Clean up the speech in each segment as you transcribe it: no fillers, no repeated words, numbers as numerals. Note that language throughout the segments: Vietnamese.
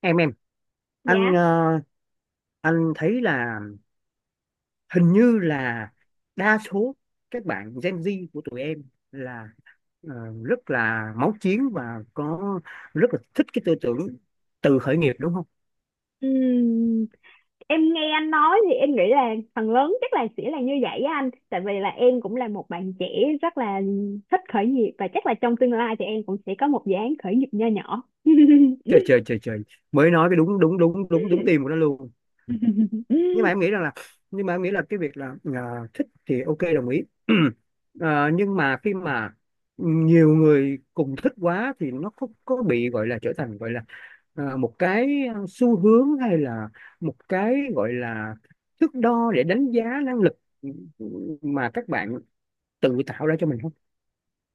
Em, anh Dạ. ờ, anh thấy là hình như là đa số các bạn Gen Z của tụi em là ờ, rất là máu chiến và có rất là thích cái tư tưởng tự khởi nghiệp, đúng không? Ừm, em nghe anh nói thì em nghĩ là phần lớn chắc là sẽ là như vậy á anh. Tại vì là em cũng là một bạn trẻ rất là thích khởi nghiệp và chắc là trong tương lai thì em cũng sẽ có một dự án khởi nghiệp nho nhỏ. Trời trời trời trời, mới nói cái đúng đúng đúng đúng đúng tim của nó luôn. nhưng mà em nghĩ rằng là nhưng mà em nghĩ là cái việc là thích thì OK, đồng ý. Nhưng mà khi mà nhiều người cùng thích quá thì nó có bị gọi là, trở thành gọi là một cái xu hướng, hay là một cái gọi là thước đo để đánh giá năng lực mà các bạn tự tạo ra cho mình không?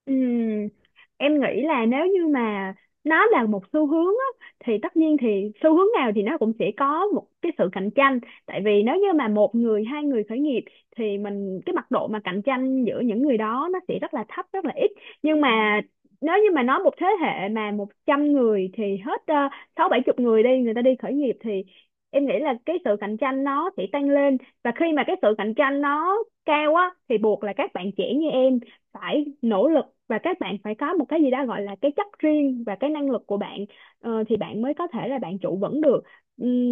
Ừm, em nghĩ là nếu như mà nó là một xu hướng á, thì tất nhiên thì xu hướng nào thì nó cũng sẽ có một cái sự cạnh tranh. Tại vì nếu như mà một người hai người khởi nghiệp thì mình cái mặt độ mà cạnh tranh giữa những người đó nó sẽ rất là thấp rất là ít. Nhưng mà nếu như mà nói một thế hệ mà 100 người thì hết sáu bảy chục người đi, người ta đi khởi nghiệp thì em nghĩ là cái sự cạnh tranh nó sẽ tăng lên. Và khi mà cái sự cạnh tranh nó cao á thì buộc là các bạn trẻ như em phải nỗ lực, và các bạn phải có một cái gì đó gọi là cái chất riêng và cái năng lực của bạn thì bạn mới có thể là bạn trụ vững được,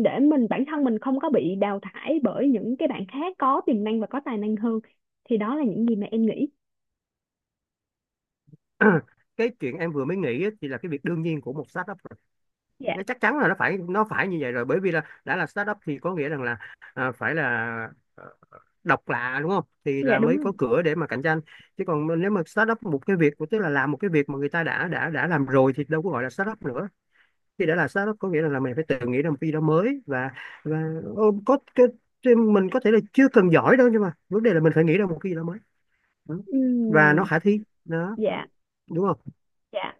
để mình bản thân mình không có bị đào thải bởi những cái bạn khác có tiềm năng và có tài năng hơn. Thì đó là những gì mà em nghĩ. Cái chuyện em vừa mới nghĩ á, thì là cái việc đương nhiên của một startup rồi. Dạ. Nó chắc chắn là nó phải, nó phải như vậy rồi, bởi vì là đã là startup thì có nghĩa rằng là phải là độc lạ, đúng không, thì Dạ, là đúng mới rồi. có cửa để mà cạnh tranh. Chứ còn nếu mà start up một cái việc, tức là làm một cái việc mà người ta đã đã làm rồi thì đâu có gọi là start up nữa. Khi đã là start up có nghĩa là mình phải tự nghĩ ra một cái gì đó mới, và ô, có cái- mình có thể là chưa cần giỏi đâu, nhưng mà vấn đề là mình phải nghĩ ra một cái gì đó mới. Ừ. Và nó Ừm. khả thi đó, Dạ. đúng không? Dạ.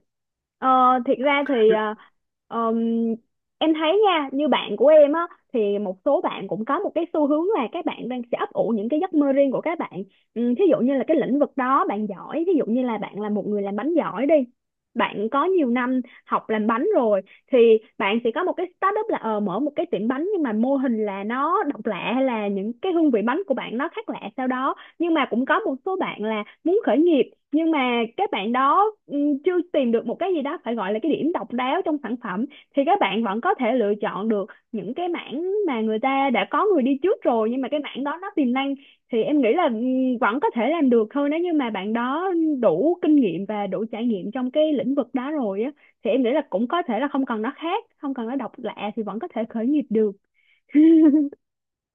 Ờ, thiệt ra thì ờm, em thấy nha, như bạn của em á, thì một số bạn cũng có một cái xu hướng là các bạn đang sẽ ấp ủ những cái giấc mơ riêng của các bạn. Ừ, thí dụ như là cái lĩnh vực đó bạn giỏi, ví dụ như là bạn là một người làm bánh giỏi đi. Bạn có nhiều năm học làm bánh rồi thì bạn sẽ có một cái startup là mở một cái tiệm bánh, nhưng mà mô hình là nó độc lạ hay là những cái hương vị bánh của bạn nó khác lạ sau đó. Nhưng mà cũng có một số bạn là muốn khởi nghiệp nhưng mà các bạn đó chưa tìm được một cái gì đó phải gọi là cái điểm độc đáo trong sản phẩm, thì các bạn vẫn có thể lựa chọn được những cái mảng mà người ta đã có người đi trước rồi, nhưng mà cái mảng đó nó tiềm năng thì em nghĩ là vẫn có thể làm được thôi, nếu như mà bạn đó đủ kinh nghiệm và đủ trải nghiệm trong cái lĩnh vực đó rồi á, thì em nghĩ là cũng có thể là không cần nó khác, không cần nó độc lạ thì vẫn có thể khởi nghiệp được.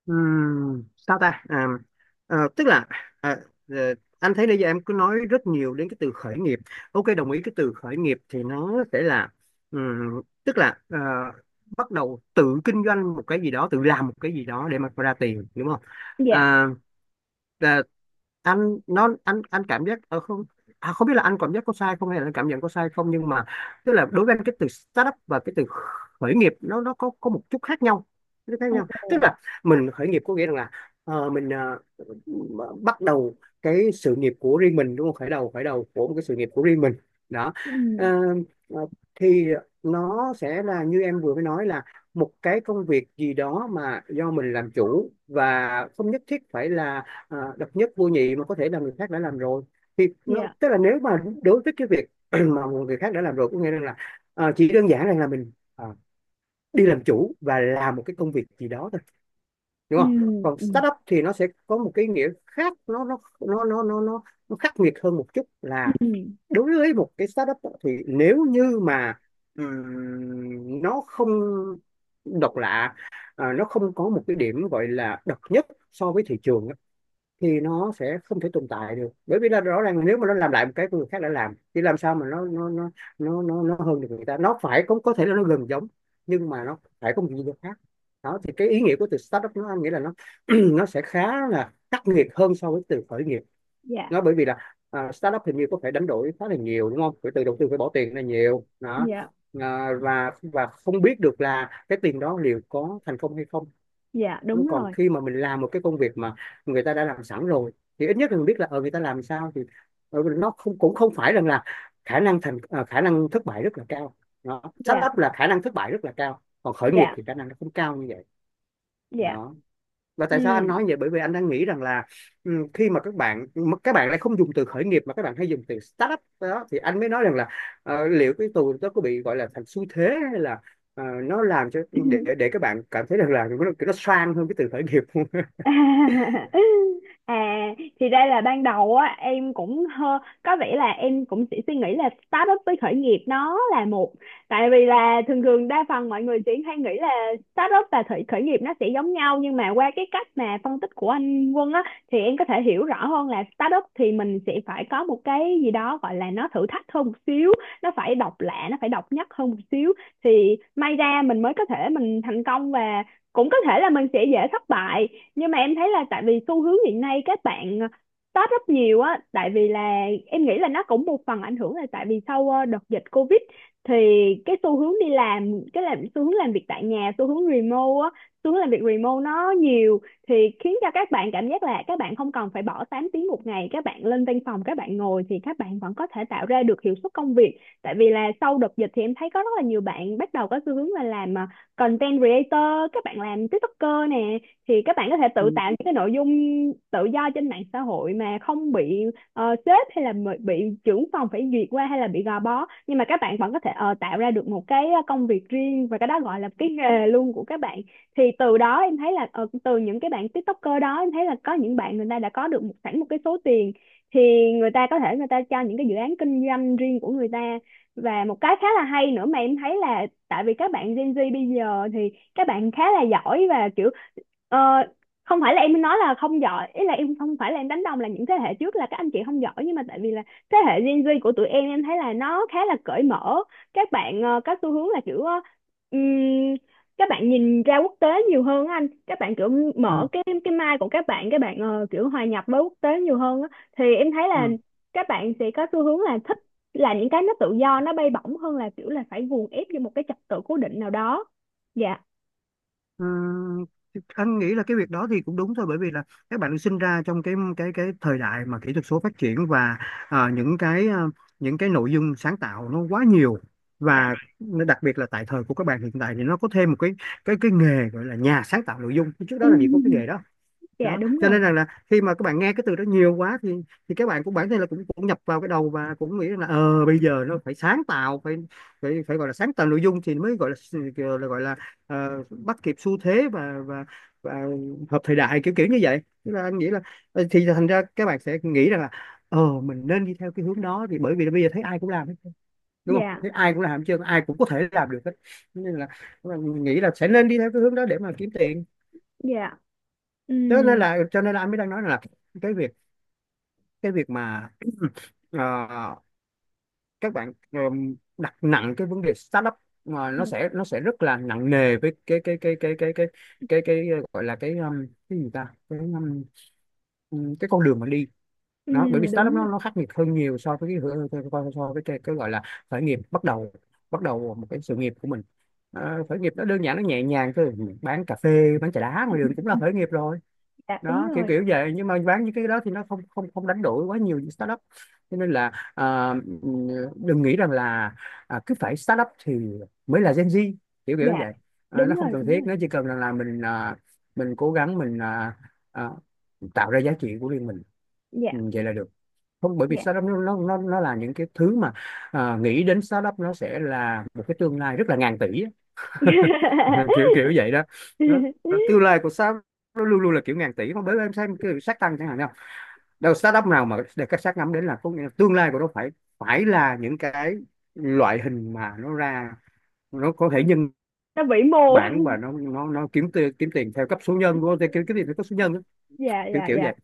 Sao ta à, ờ, tức là à, ờ, Anh thấy bây giờ em cứ nói rất nhiều đến cái từ khởi nghiệp. OK, đồng ý. Cái từ khởi nghiệp thì nó sẽ là ừm, tức là ờ, bắt đầu tự kinh doanh một cái gì đó, tự làm một cái gì đó để mà ra tiền, đúng không? Dạ. À, anh nó anh anh cảm giác không biết là anh cảm giác có sai không, hay là anh cảm nhận có sai không, nhưng mà tức là đối với anh, cái từ startup và cái từ khởi nghiệp nó có một chút khác nhau. Nó khác nhau, tức Ồ. là mình khởi nghiệp có nghĩa rằng là mình bắt đầu cái sự nghiệp của riêng mình, đúng không, khởi đầu, khởi đầu của một cái sự nghiệp của riêng mình đó. Ừ. Ờ, ờ, thì nó sẽ là như em vừa mới nói, là một cái công việc gì đó mà do mình làm chủ, và không nhất thiết phải là độc nhất vô nhị, mà có thể là người khác đã làm rồi. Thì nó Dạ. tức là, nếu mà đối với cái việc mà người khác đã làm rồi, có nghĩa là chỉ đơn giản rằng là mình đi làm chủ và làm một cái công việc gì đó thôi, Ừ. đúng không? Còn Ừ. startup thì nó sẽ có một cái nghĩa khác, nó khắc nghiệt hơn một chút. Là Ừ. đối với một cái startup á, thì nếu như mà nó không độc lạ, nó không có một cái điểm gọi là độc nhất so với thị trường, thì nó sẽ không thể tồn tại được, bởi vì là rõ ràng là nếu mà nó làm lại một cái người khác đã làm thì làm sao mà nó hơn được người ta. Nó phải có thể là nó gần giống, nhưng mà nó phải có một gì đó khác. Đó thì cái ý nghĩa của từ startup, nó anh nghĩ là nó nó sẽ khá là khắc nghiệt hơn so với từ khởi nghiệp. Dạ. Nó bởi vì là startup hình như có phải đánh đổi khá là nhiều, đúng không, phải từ đầu tư, phải bỏ tiền ra nhiều đó. Dạ. Và không biết được là cái tiền đó liệu có thành công hay không. Dạ, Nó đúng còn rồi. khi mà mình làm một cái công việc mà người ta đã làm sẵn rồi, thì ít nhất là mình biết là người ta làm sao, thì nó không, cũng không phải rằng là khả năng khả năng thất bại rất là cao. Đó. Dạ. Startup là khả năng thất bại rất là cao, còn khởi nghiệp Dạ. thì khả năng nó không cao như vậy Dạ. đó. Và Ừ. tại sao anh nói vậy, bởi vì anh đang nghĩ rằng là khi mà các bạn lại không dùng từ khởi nghiệp mà các bạn hay dùng từ startup đó, thì anh mới nói rằng là liệu cái từ đó có bị gọi là thành xu thế, hay là nó làm cho, để các bạn cảm thấy rằng là nó sang hơn cái từ khởi nghiệp. À, thì ra là ban đầu á em cũng có vẻ là em cũng chỉ suy nghĩ là start up với khởi nghiệp nó là một. Tại vì là thường thường đa phần mọi người chỉ hay nghĩ là start up và khởi khởi nghiệp nó sẽ giống nhau, nhưng mà qua cái cách mà phân tích của anh Quân á thì em có thể hiểu rõ hơn là start up thì mình sẽ phải có một cái gì đó gọi là nó thử thách hơn một xíu, nó phải độc lạ, nó phải độc nhất hơn một xíu, thì may ra mình mới có thể mình thành công, và cũng có thể là mình sẽ dễ thất bại. Nhưng mà em thấy là tại vì xu hướng hiện nay các bạn start up nhiều á, tại vì là em nghĩ là nó cũng một phần ảnh hưởng là tại vì sau đợt dịch Covid thì cái xu hướng đi làm cái làm xu hướng làm việc tại nhà, xu hướng remote á, xu hướng làm việc remote nó nhiều, thì khiến cho các bạn cảm giác là các bạn không cần phải bỏ 8 tiếng một ngày các bạn lên văn phòng các bạn ngồi, thì các bạn vẫn có thể tạo ra được hiệu suất công việc. Tại vì là sau đợt dịch thì em thấy có rất là nhiều bạn bắt đầu có xu hướng là làm content creator, các bạn làm TikToker nè, thì các bạn có thể tự Ừ, tạo những cái nội dung tự do trên mạng xã hội mà không bị sếp hay là bị trưởng phòng phải duyệt qua hay là bị gò bó, nhưng mà các bạn vẫn có thể tạo ra được một cái công việc riêng, và cái đó gọi là cái nghề luôn của các bạn. Thì từ đó em thấy là từ những cái bạn TikToker đó em thấy là có những bạn người ta đã có được sẵn một cái số tiền thì người ta có thể người ta cho những cái dự án kinh doanh riêng của người ta. Và một cái khá là hay nữa mà em thấy là tại vì các bạn Gen Z bây giờ thì các bạn khá là giỏi, và kiểu ờ, không phải là em nói là không giỏi, ý là em không phải là em đánh đồng là những thế hệ trước là các anh chị không giỏi, nhưng mà tại vì là thế hệ Gen Z của tụi em thấy là nó khá là cởi mở. Các bạn có xu hướng là kiểu ừm, các bạn nhìn ra quốc tế nhiều hơn á anh, các bạn kiểu ừ, mở cái mind của các bạn, các bạn kiểu hòa nhập với quốc tế nhiều hơn á. Thì em thấy là ừ. các bạn sẽ có xu hướng là thích là những cái nó tự do nó bay bổng hơn là kiểu là phải guồng ép vô một cái trật tự cố định nào đó. Dạ. Ừ, anh nghĩ là cái việc đó thì cũng đúng thôi, bởi vì là các bạn được sinh ra trong cái thời đại mà kỹ thuật số phát triển, và à, những cái à, những cái nội dung sáng tạo nó quá nhiều. Dạ. Và nó đặc biệt là tại thời của các bạn hiện tại, thì nó có thêm một cái cái nghề gọi là nhà sáng tạo nội dung, trước đó làm gì có cái nghề đó. Dạ, Đó đúng cho nên rồi. rằng là khi mà các bạn nghe cái từ đó nhiều quá thì các bạn cũng, bản thân là cũng cũng nhập vào cái đầu, và cũng nghĩ là bây giờ nó phải sáng tạo, phải phải phải gọi là sáng tạo nội dung thì mới gọi là, gọi là bắt kịp xu thế, và và hợp thời đại, kiểu kiểu như vậy. Tức là anh nghĩ là thì thành ra các bạn sẽ nghĩ rằng là mình nên đi theo cái hướng đó, thì bởi vì là bây giờ thấy ai cũng làm hết, đúng không, Dạ. thấy ai cũng làm, chứ ai cũng có thể làm được hết. Cho nên là nghĩ là sẽ nên đi theo cái hướng đó để mà kiếm tiền. Dạ. Ừ. Đó nên là, cho nên là anh mới đang nói là cái việc, cái việc mà ờ, các bạn đặt nặng cái vấn đề startup, mà nó sẽ, nó sẽ rất là nặng nề với cái ờ, gọi là cái gì ta cái con đường mà đi. Ừ, Nó bởi vì startup đúng nó rồi. nó khắc nghiệt hơn nhiều so với cái hửa- so so- so với cái gọi là khởi nghiệp, bắt đầu, bắt đầu một cái sự nghiệp của mình. Khởi nghiệp nó đơn giản, nó nhẹ nhàng thôi, bán cà phê bán trà đá ngoài đường cũng là khởi nghiệp rồi. Dạ, đúng Đó, kiểu rồi. kiểu vậy, nhưng mà bán những cái đó thì nó không không không đánh đổi quá nhiều những startup. Cho nên là đừng nghĩ rằng là cứ phải startup thì mới là Gen Z, kiểu kiểu Dạ, vậy. Nó đúng không rồi. cần Đúng thiết, rồi. nó chỉ cần rằng là mình, mình cố gắng mình à, tạo ra giá trị của riêng mình. Ừ, Dạ. vậy là được. Không, bởi vì Dạ. startup nó là những cái thứ mà nghĩ đến startup nó sẽ là một cái tương lai rất là ngàn tỷ. Kiểu kiểu vậy đó. đó Tương lai của startup nó luôn luôn là kiểu ngàn tỷ. Không, bởi vì em xem cái sát tăng chẳng hạn, nào đâu startup nào mà để các sát ngắm đến, là có nghĩa là tương lai của nó phải, phải là những cái loại hình mà nó ra, nó có thể nhân Nó vĩ mô. bản, và nó kiếm tiền, kiếm tiền theo cấp số nhân, của kiếm kiếm tiền theo cấp số nhân đó. Dạ. Kiểu Dạ. kiểu Dạ. vậy.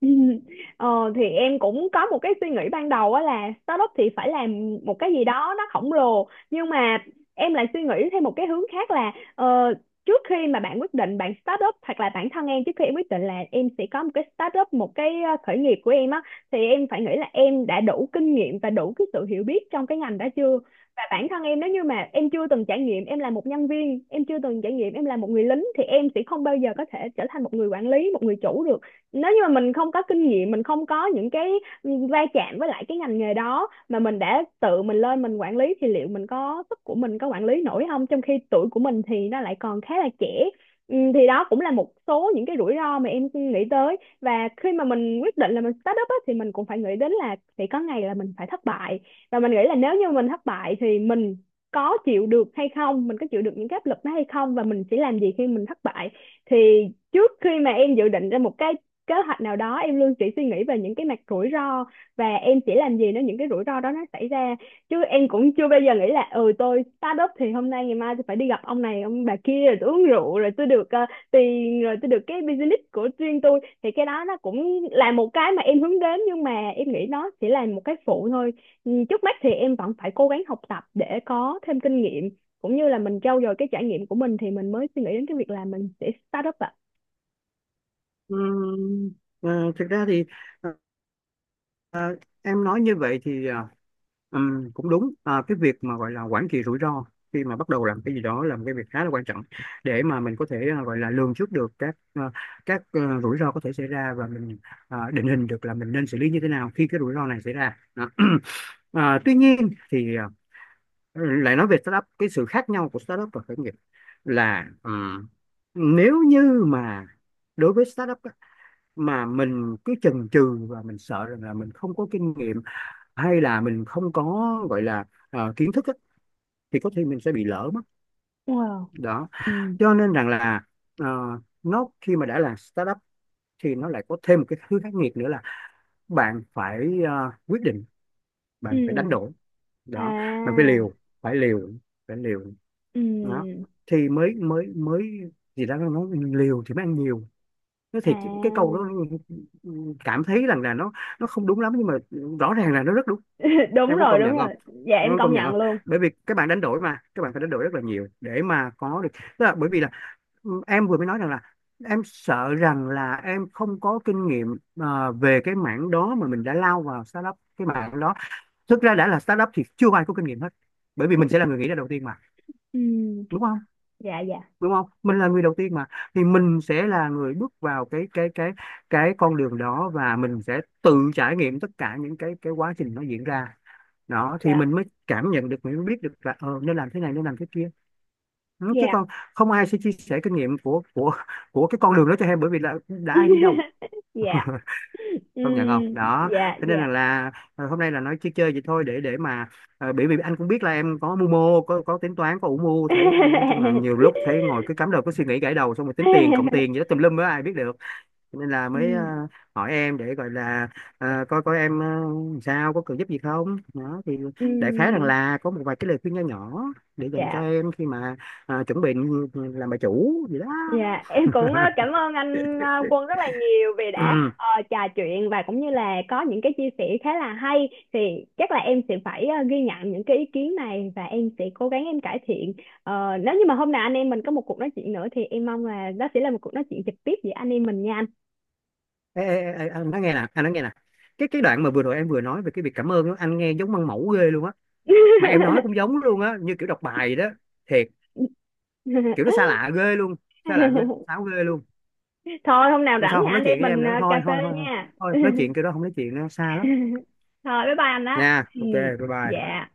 Ờ, thì em cũng có một cái suy nghĩ ban đầu á là startup thì phải làm một cái gì đó nó khổng lồ, nhưng mà em lại suy nghĩ theo một cái hướng khác là trước khi mà bạn quyết định bạn startup, hoặc là bản thân em trước khi em quyết định là em sẽ có một cái startup một cái khởi nghiệp của em á, thì em phải nghĩ là em đã đủ kinh nghiệm và đủ cái sự hiểu biết trong cái ngành đó chưa. Và bản thân em nếu như mà em chưa từng trải nghiệm em là một nhân viên, em chưa từng trải nghiệm em là một người lính thì em sẽ không bao giờ có thể trở thành một người quản lý, một người chủ được. Nếu như mà mình không có kinh nghiệm, mình không có những cái va chạm với lại cái ngành nghề đó mà mình đã tự mình lên mình quản lý thì liệu mình có sức của mình có quản lý nổi không, trong khi tuổi của mình thì nó lại còn khá là trẻ. Ừ, thì đó cũng là một số những cái rủi ro mà em nghĩ tới. Và khi mà mình quyết định là mình start up á, thì mình cũng phải nghĩ đến là sẽ có ngày là mình phải thất bại. Và mình nghĩ là nếu như mình thất bại thì mình có chịu được hay không, mình có chịu được những cái áp lực đó hay không, và mình sẽ làm gì khi mình thất bại. Thì trước khi mà em dự định ra một cái kế hoạch nào đó em luôn chỉ suy nghĩ về những cái mặt rủi ro và em sẽ làm gì nếu những cái rủi ro đó nó xảy ra. Chứ em cũng chưa bao giờ nghĩ là ừ tôi start up thì hôm nay ngày mai tôi phải đi gặp ông này ông bà kia rồi tôi uống rượu rồi tôi được tiền rồi tôi được cái business của riêng tôi, thì cái đó nó cũng là một cái mà em hướng đến, nhưng mà em nghĩ nó chỉ là một cái phụ thôi. Ừ, trước mắt thì em vẫn phải cố gắng học tập để có thêm kinh nghiệm, cũng như là mình trau dồi cái trải nghiệm của mình, thì mình mới suy nghĩ đến cái việc là mình sẽ start up ạ. Ừm, Thực ra thì Ờ, em nói như vậy thì cũng đúng. Ờ, cái việc mà gọi là quản trị rủi ro khi mà bắt đầu làm cái gì đó là một cái việc khá là quan trọng, để mà mình có thể gọi là lường trước được các rủi ro có thể xảy ra, và mình định hình được là mình nên xử lý như thế nào khi cái rủi ro này xảy ra. Đó. Tuy nhiên thì lại nói về startup, cái sự khác nhau của startup và khởi nghiệp là nếu như mà đối với startup á, mà mình cứ chần chừ và mình sợ rằng là mình không có kinh nghiệm, hay là mình không có gọi là kiến thức á, thì có thể mình sẽ bị lỡ mất. Wow. Đó Ừ. cho nên rằng là ờ, nó khi mà đã là startup thì nó lại có thêm một cái thứ khắc nghiệt nữa, là bạn phải quyết định, Ừ. bạn phải đánh đổi. Đó. Bạn phải À. liều, phải liều, phải liều. Ừ. Đó thì mới mới mới gì đó nó nói, liều thì mới ăn nhiều. Nó thì cái À. câu đó, cảm thấy rằng là nó không đúng lắm, nhưng mà rõ ràng là nó rất đúng. Đúng Em có rồi, công đúng nhận không? rồi. Dạ, Em em có công công nhận không? nhận luôn. Bởi vì các bạn đánh đổi, mà các bạn phải đánh đổi rất là nhiều để mà có được, tức là bởi vì là em vừa mới nói rằng là em sợ rằng là em không có kinh nghiệm về cái mảng đó, mà mình đã lao vào startup cái mảng đó. Thực ra đã là startup thì chưa ai có kinh nghiệm hết, bởi vì mình sẽ là người nghĩ ra đầu tiên mà, Ừ. đúng không? Dạ. Dạ. Đúng không? Mình là người đầu tiên mà. Thì mình sẽ là người bước vào cái con đường đó, và mình sẽ tự trải nghiệm tất cả những cái quá trình nó diễn ra. Đó thì Dạ. mình mới cảm nhận được, mình mới biết được là nên làm thế này nên làm thế kia. Ừ, chứ Dạ. còn không ai sẽ chia sẻ kinh nghiệm của cái con đường đó cho em, bởi vì là đã ai đi đâu. Dạ. Ừ. Công nhận không đó. Dạ. Cho nên Dạ. Là hôm nay là nói chơi chơi vậy thôi, để mà bởi vì anh cũng biết là em có mưu mô, có tính toán, có ủ mưu, thấy nói chung là nhiều lúc thấy ngồi cứ cắm đầu cứ suy nghĩ, gãi đầu xong rồi tính tiền cộng tiền gì đó tùm lum á, ai biết được. Cho nên là mới Ừ. hỏi em, để gọi là coi coi em sao, có cần giúp gì không đó, thì đại khái rằng Ừ. là có một vài cái lời khuyên nho nhỏ để dành cho Dạ. em khi mà chuẩn bị làm bà chủ gì đó. Dạ, em cũng cảm ơn anh Quân rất là nhiều vì đã trò chuyện và cũng như là có những cái chia sẻ khá là hay, thì chắc là em sẽ phải ghi nhận những cái ý kiến này và em sẽ cố gắng em cải thiện. Nếu như mà hôm nào anh em mình có một cuộc nói chuyện nữa thì em mong là đó sẽ là một cuộc nói chuyện trực tiếp giữa anh em mình nha anh. Ê, ê, ê, ê, anh nói nghe nè, anh nói nghe nè, cái đoạn mà vừa rồi em vừa nói về cái việc cảm ơn đó, anh nghe giống măng mẫu ghê luôn á. Mà em nói cũng giống luôn á, như kiểu đọc bài vậy đó, thiệt. Kiểu nó xa lạ ghê luôn, xa lạ ghê, sáo ghê luôn. Thôi hôm nào Lần rảnh sau thì không nói anh em chuyện với em mình nữa, cà thôi phê thôi thôi thôi, nha. thôi, nói chuyện kiểu đó không nói chuyện nữa, xa lắm Thôi bye bye anh đó. nha. Ừ. OK, bye bye. Dạ.